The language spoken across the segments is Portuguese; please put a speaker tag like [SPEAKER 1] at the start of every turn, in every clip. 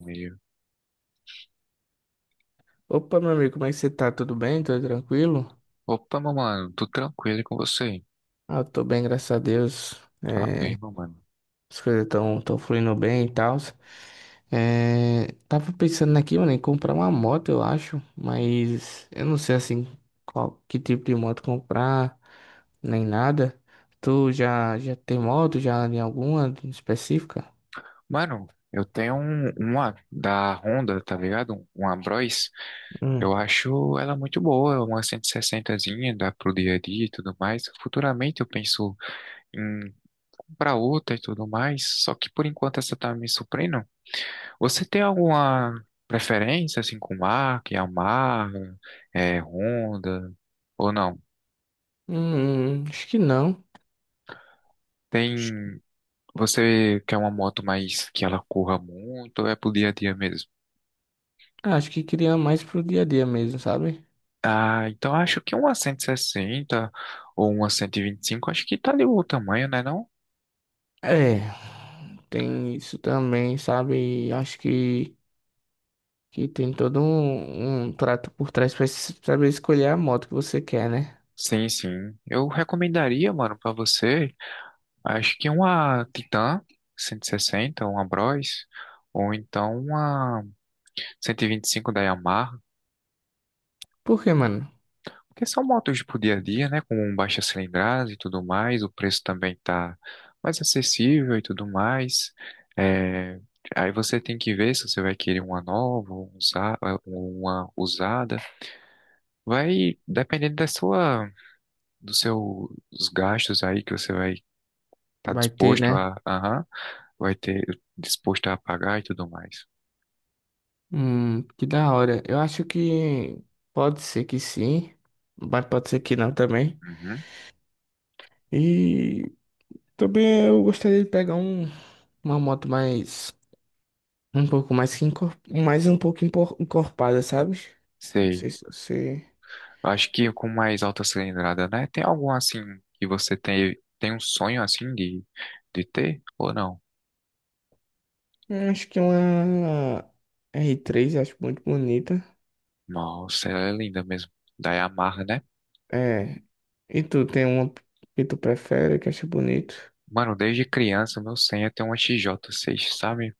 [SPEAKER 1] Meio.
[SPEAKER 2] Opa, meu amigo, como é que você tá? Tudo bem? Tudo tranquilo?
[SPEAKER 1] Opa, meu mano, tudo tranquilo e com você?
[SPEAKER 2] Ah, eu tô bem, graças a Deus.
[SPEAKER 1] Tá
[SPEAKER 2] É,
[SPEAKER 1] bem, meu mano.
[SPEAKER 2] as coisas estão tão fluindo bem e tal. É, tava pensando aqui, mano, em comprar uma moto, eu acho, mas eu não sei assim qual que tipo de moto comprar, nem nada. Tu já tem moto, já em alguma específica?
[SPEAKER 1] Mano, eu tenho uma da Honda, tá ligado? Uma Bros.
[SPEAKER 2] Hum.
[SPEAKER 1] Eu acho ela muito boa, uma 160zinha, dá pro dia a dia e tudo mais. Futuramente eu penso em comprar outra e tudo mais, só que por enquanto essa tá me suprindo. Você tem alguma preferência, assim, com marca, Yamaha, Honda, ou não?
[SPEAKER 2] Acho que não. Acho,
[SPEAKER 1] Tem. Você quer uma moto mais que ela corra muito ou é pro dia a dia mesmo?
[SPEAKER 2] acho que queria mais pro dia a dia mesmo, sabe?
[SPEAKER 1] Ah, então acho que uma 160 ou uma 125 acho que tá ali o tamanho, né, não?
[SPEAKER 2] É. Tem isso também, sabe? E acho que tem todo um trato por trás pra saber escolher a moto que você quer, né?
[SPEAKER 1] Sim, sim. Eu recomendaria, mano, pra você, acho que uma Titan 160, uma Bros, ou então uma cento e vinte e cinco da Yamaha.
[SPEAKER 2] Porque, mano,
[SPEAKER 1] Porque são motos pro dia a dia, né? Com baixa cilindrada e tudo mais, o preço também tá mais acessível e tudo mais. É, Aí você tem que ver se você vai querer uma nova, uma usada. Vai dependendo dos seus gastos aí que você vai estar
[SPEAKER 2] vai ter,
[SPEAKER 1] disposto
[SPEAKER 2] né?
[SPEAKER 1] a, aham, vai ter disposto a pagar e tudo mais.
[SPEAKER 2] Que da hora. Eu acho que pode ser que sim, mas pode ser que não também.
[SPEAKER 1] Uhum,
[SPEAKER 2] E também eu gostaria de pegar uma moto mais, um pouco mais um pouco encorpada, sabe? Não
[SPEAKER 1] sei.
[SPEAKER 2] sei se você.
[SPEAKER 1] Eu acho que com mais alta cilindrada, né? Tem algum assim que você tem um sonho assim de ter ou não?
[SPEAKER 2] Eu acho que uma r três acho muito bonita.
[SPEAKER 1] Nossa, ela é linda mesmo. Da Yamaha, né?
[SPEAKER 2] É. E tu tem uma que tu prefere, que acha bonito?
[SPEAKER 1] Mano, desde criança meu sonho é ter uma XJ6, sabe?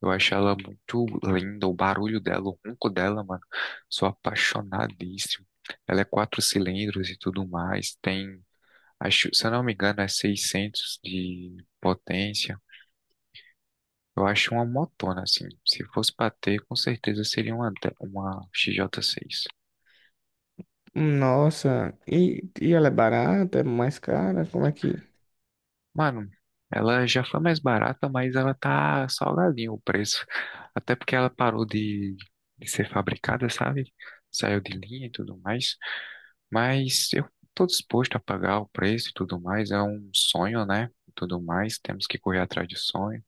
[SPEAKER 1] Eu acho ela muito linda, o barulho dela, o ronco dela, mano. Sou apaixonadíssimo. Ela é quatro cilindros e tudo mais. Tem, acho, se eu não me engano, é 600 de potência. Eu acho uma motona, assim. Se fosse pra ter, com certeza seria uma XJ6.
[SPEAKER 2] Nossa, e ela é barata, é mais cara? Como é que.
[SPEAKER 1] Mano, ela já foi mais barata, mas ela tá salgadinho o preço. Até porque ela parou de ser fabricada, sabe? Saiu de linha e tudo mais. Mas eu tô disposto a pagar o preço e tudo mais. É um sonho, né? E tudo mais. Temos que correr atrás de sonho.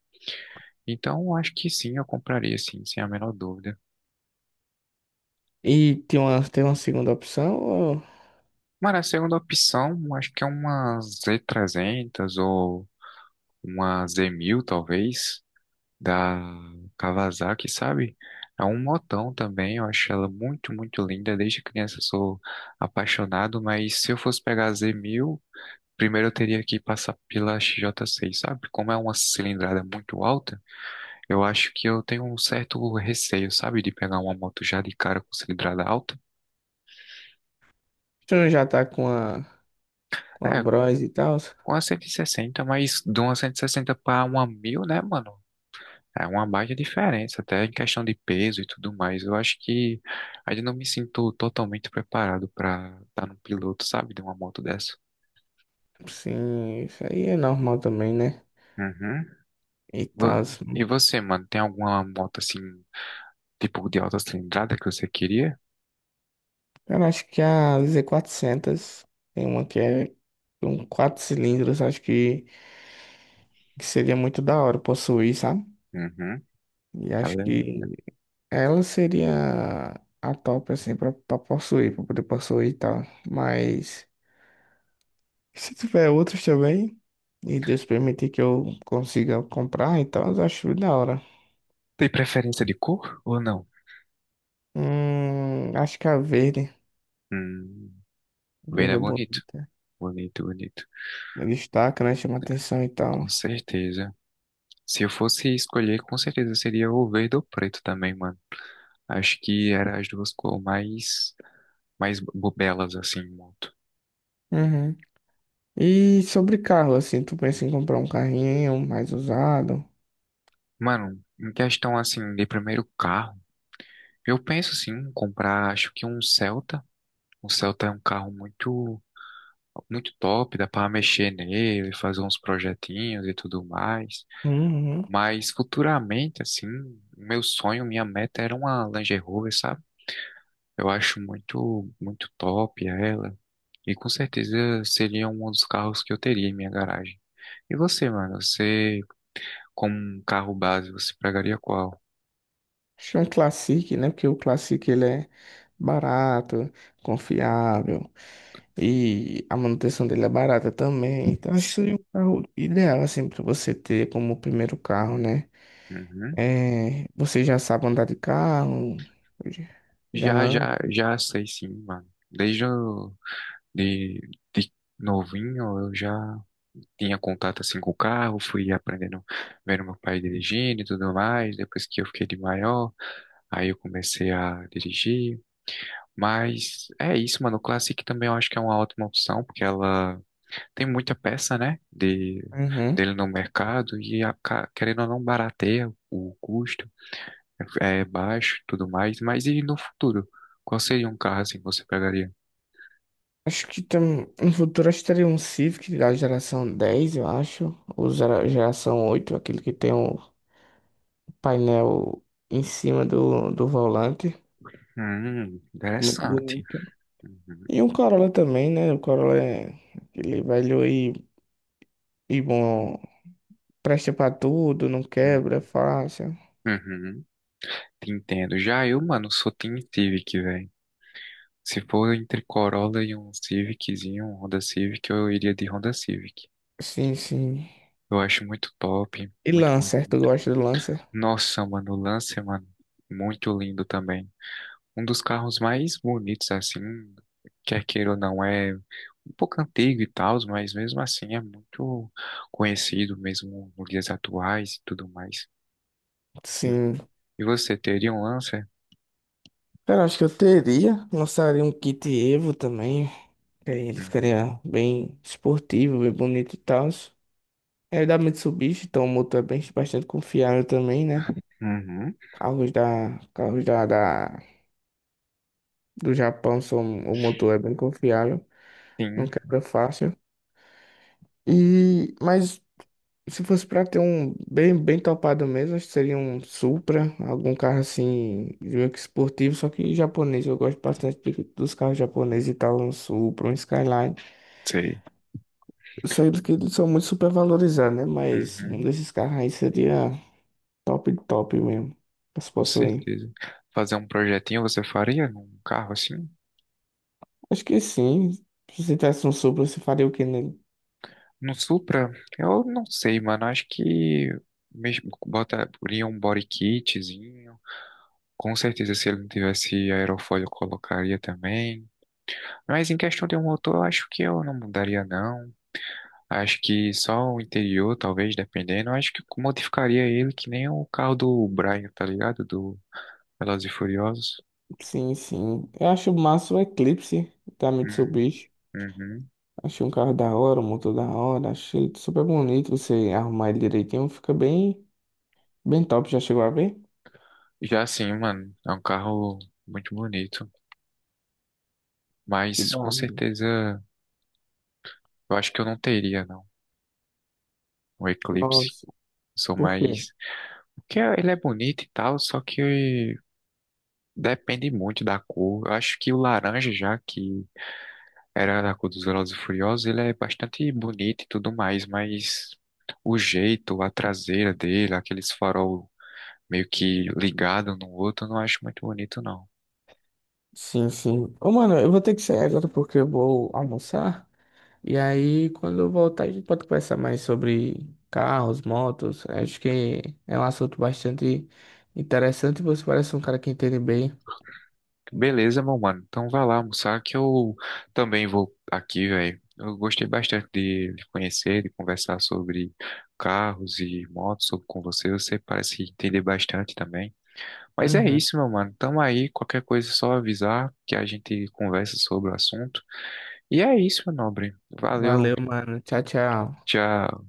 [SPEAKER 1] Então, eu acho que sim, eu compraria, sim, sem a menor dúvida.
[SPEAKER 2] E tem uma segunda opção? Ou
[SPEAKER 1] Mano, a segunda opção, acho que é uma Z300 ou uma z mil talvez, da Kawasaki, sabe? É um motão também, eu acho ela muito, muito linda. Desde criança eu sou apaixonado, mas se eu fosse pegar a z mil primeiro eu teria que passar pela xj seis, sabe? Como é uma cilindrada muito alta, eu acho que eu tenho um certo receio, sabe? De pegar uma moto já de cara com cilindrada alta.
[SPEAKER 2] tu não já tá com a
[SPEAKER 1] É,
[SPEAKER 2] Bros e tal?
[SPEAKER 1] com a 160, mas de uma 160 para uma 1000 né, mano? É uma baita diferença, até em questão de peso e tudo mais. Eu acho que ainda não me sinto totalmente preparado para estar num piloto, sabe, de uma moto dessa.
[SPEAKER 2] Sim, isso aí é normal também, né?
[SPEAKER 1] Uhum.
[SPEAKER 2] E tal.
[SPEAKER 1] Vo- E você, mano, tem alguma moto assim, tipo de alta cilindrada que você queria?
[SPEAKER 2] Cara, acho que a Z400 tem uma que é com quatro cilindros, acho que seria muito da hora possuir, sabe?
[SPEAKER 1] Uhum.
[SPEAKER 2] E acho
[SPEAKER 1] Ela é...
[SPEAKER 2] que ela seria a top, assim, pra possuir, pra poder possuir e tal. Mas se tiver outros também, e Deus permitir que eu consiga comprar, então eu acho da hora.
[SPEAKER 1] Tem preferência de cor ou não?
[SPEAKER 2] Acho que a verde.
[SPEAKER 1] Hum,
[SPEAKER 2] A
[SPEAKER 1] verde
[SPEAKER 2] verde
[SPEAKER 1] é
[SPEAKER 2] é
[SPEAKER 1] bonito.
[SPEAKER 2] bonita.
[SPEAKER 1] Bonito, bonito.
[SPEAKER 2] Ele destaca, né? Chama atenção e tal.
[SPEAKER 1] Com certeza. Se eu fosse escolher, com certeza seria o verde ou preto também, mano. Acho que era as duas cores mais bobelas assim, em moto.
[SPEAKER 2] Uhum. E sobre carro, assim, tu pensa em comprar um carrinho mais usado?
[SPEAKER 1] Mano, em questão assim de primeiro carro, eu penso assim, em comprar, acho que um Celta. O Celta é um carro muito top, dá pra mexer nele, fazer uns projetinhos e tudo mais.
[SPEAKER 2] Uhum.
[SPEAKER 1] Mas futuramente assim, meu sonho, minha meta era uma Land Rover, sabe? Eu acho muito top ela e com certeza seria um dos carros que eu teria em minha garagem. E você, mano, você como um carro base, você pegaria qual?
[SPEAKER 2] Acho que é um Classic, né? Porque o Classic, ele é barato, confiável. E a manutenção dele é barata também. Então acho que seria um carro ideal assim para você ter como primeiro carro, né?
[SPEAKER 1] Uhum.
[SPEAKER 2] É, você já sabe andar de carro, já já
[SPEAKER 1] Já,
[SPEAKER 2] anda.
[SPEAKER 1] já, já sei sim, mano. De, de novinho eu já tinha contato assim com o carro, fui aprendendo, vendo meu pai dirigindo e tudo mais. Depois que eu fiquei de maior, aí eu comecei a dirigir. Mas é isso, mano. O Classic também eu acho que é uma ótima opção, porque ela tem muita peça, né,
[SPEAKER 2] Uhum.
[SPEAKER 1] dele no mercado e, querendo ou não, barateia o custo. É baixo, e tudo mais, mas e no futuro? Qual seria um carro assim que você pegaria?
[SPEAKER 2] Acho que no futuro acho que teria um Civic da geração 10, eu acho, ou geração 8, aquele que tem o painel em cima do volante, muito
[SPEAKER 1] Interessante.
[SPEAKER 2] bonito.
[SPEAKER 1] Uhum,
[SPEAKER 2] E um Corolla também, né? O Corolla é aquele velho e bom, presta pra tudo, não
[SPEAKER 1] uhum,
[SPEAKER 2] quebra, é fácil.
[SPEAKER 1] uhum. Te entendo. Já eu, mano, sou Team Civic, velho. Se for entre Corolla e um Civiczinho, um Honda Civic, eu iria de Honda Civic.
[SPEAKER 2] Sim, sim.
[SPEAKER 1] Eu acho muito top,
[SPEAKER 2] E
[SPEAKER 1] muito
[SPEAKER 2] Lancer, tu
[SPEAKER 1] bonito.
[SPEAKER 2] gosta do Lancer?
[SPEAKER 1] Nossa, mano, o Lancer, mano, muito lindo também. Um dos carros mais bonitos, assim, quer queira ou não, é um pouco antigo e tal, mas mesmo assim é muito conhecido, mesmo nos dias atuais e tudo mais.
[SPEAKER 2] Sim.
[SPEAKER 1] E você teria um Lancer?
[SPEAKER 2] Cara, acho que eu teria. Lançaria um kit Evo também. Que aí ele
[SPEAKER 1] Hum,
[SPEAKER 2] ficaria bem esportivo, bem bonito e tal. É da Mitsubishi, então o motor é bem, bastante confiável também, né?
[SPEAKER 1] Uhum,
[SPEAKER 2] Carros do Japão são, o motor é bem confiável, não
[SPEAKER 1] sim,
[SPEAKER 2] quebra fácil. E, mas se fosse pra ter um bem, bem topado mesmo, acho que seria um Supra, algum carro assim, meio que esportivo, só que japonês. Eu gosto bastante dos carros japoneses e tal, um Supra, um Skyline.
[SPEAKER 1] sei.
[SPEAKER 2] Eu sei que eles são muito supervalorizados, né? Mas um
[SPEAKER 1] Uhum,
[SPEAKER 2] desses carros aí seria top, top mesmo, pra se
[SPEAKER 1] com
[SPEAKER 2] possuir.
[SPEAKER 1] certeza. Fazer um projetinho você faria num carro assim?
[SPEAKER 2] Acho que sim. Se você tivesse um Supra, você faria o que nele?
[SPEAKER 1] No Supra, eu não sei, mano. Acho que mesmo botaria um body kitzinho. Com certeza, se ele não tivesse aerofólio, eu colocaria também. Mas em questão de um motor, eu acho que eu não mudaria, não. Acho que só o interior, talvez, dependendo. Eu acho que modificaria ele que nem o carro do Brian, tá ligado? Do Velozes e Furiosos.
[SPEAKER 2] Sim, sim. Eu acho massa o Eclipse da
[SPEAKER 1] Hum,
[SPEAKER 2] Mitsubishi.
[SPEAKER 1] uhum.
[SPEAKER 2] Achei um carro da hora, um motor da hora, achei ele super bonito. Você arrumar ele direitinho, fica bem, bem top. Já chegou a ver?
[SPEAKER 1] Já assim, mano, é um carro muito bonito.
[SPEAKER 2] Que
[SPEAKER 1] Mas
[SPEAKER 2] da
[SPEAKER 1] com
[SPEAKER 2] hora.
[SPEAKER 1] certeza, eu acho que eu não teria, não. O Eclipse.
[SPEAKER 2] Nossa,
[SPEAKER 1] Sou
[SPEAKER 2] por
[SPEAKER 1] mais.
[SPEAKER 2] quê?
[SPEAKER 1] Porque ele é bonito e tal, só que depende muito da cor. Eu acho que o laranja, já que era da cor dos Velozes e Furiosos, ele é bastante bonito e tudo mais, mas o jeito, a traseira dele, aqueles farol meio que ligado um no outro, eu não acho muito bonito, não.
[SPEAKER 2] Sim, sim. Ô, mano, eu vou ter que sair agora porque eu vou almoçar. E aí, quando eu voltar, a gente pode conversar mais sobre carros, motos. Acho que é um assunto bastante interessante. E você parece um cara que entende bem.
[SPEAKER 1] Beleza, meu mano. Então vai lá almoçar que eu também vou aqui, velho. Eu gostei bastante de lhe conhecer, de conversar sobre carros e motos com você. Você parece entender bastante também. Mas é
[SPEAKER 2] Uhum.
[SPEAKER 1] isso, meu mano. Tamo aí. Qualquer coisa é só avisar que a gente conversa sobre o assunto. E é isso, meu nobre. Valeu.
[SPEAKER 2] Valeu, mano. Tchau, tchau.
[SPEAKER 1] Tchau.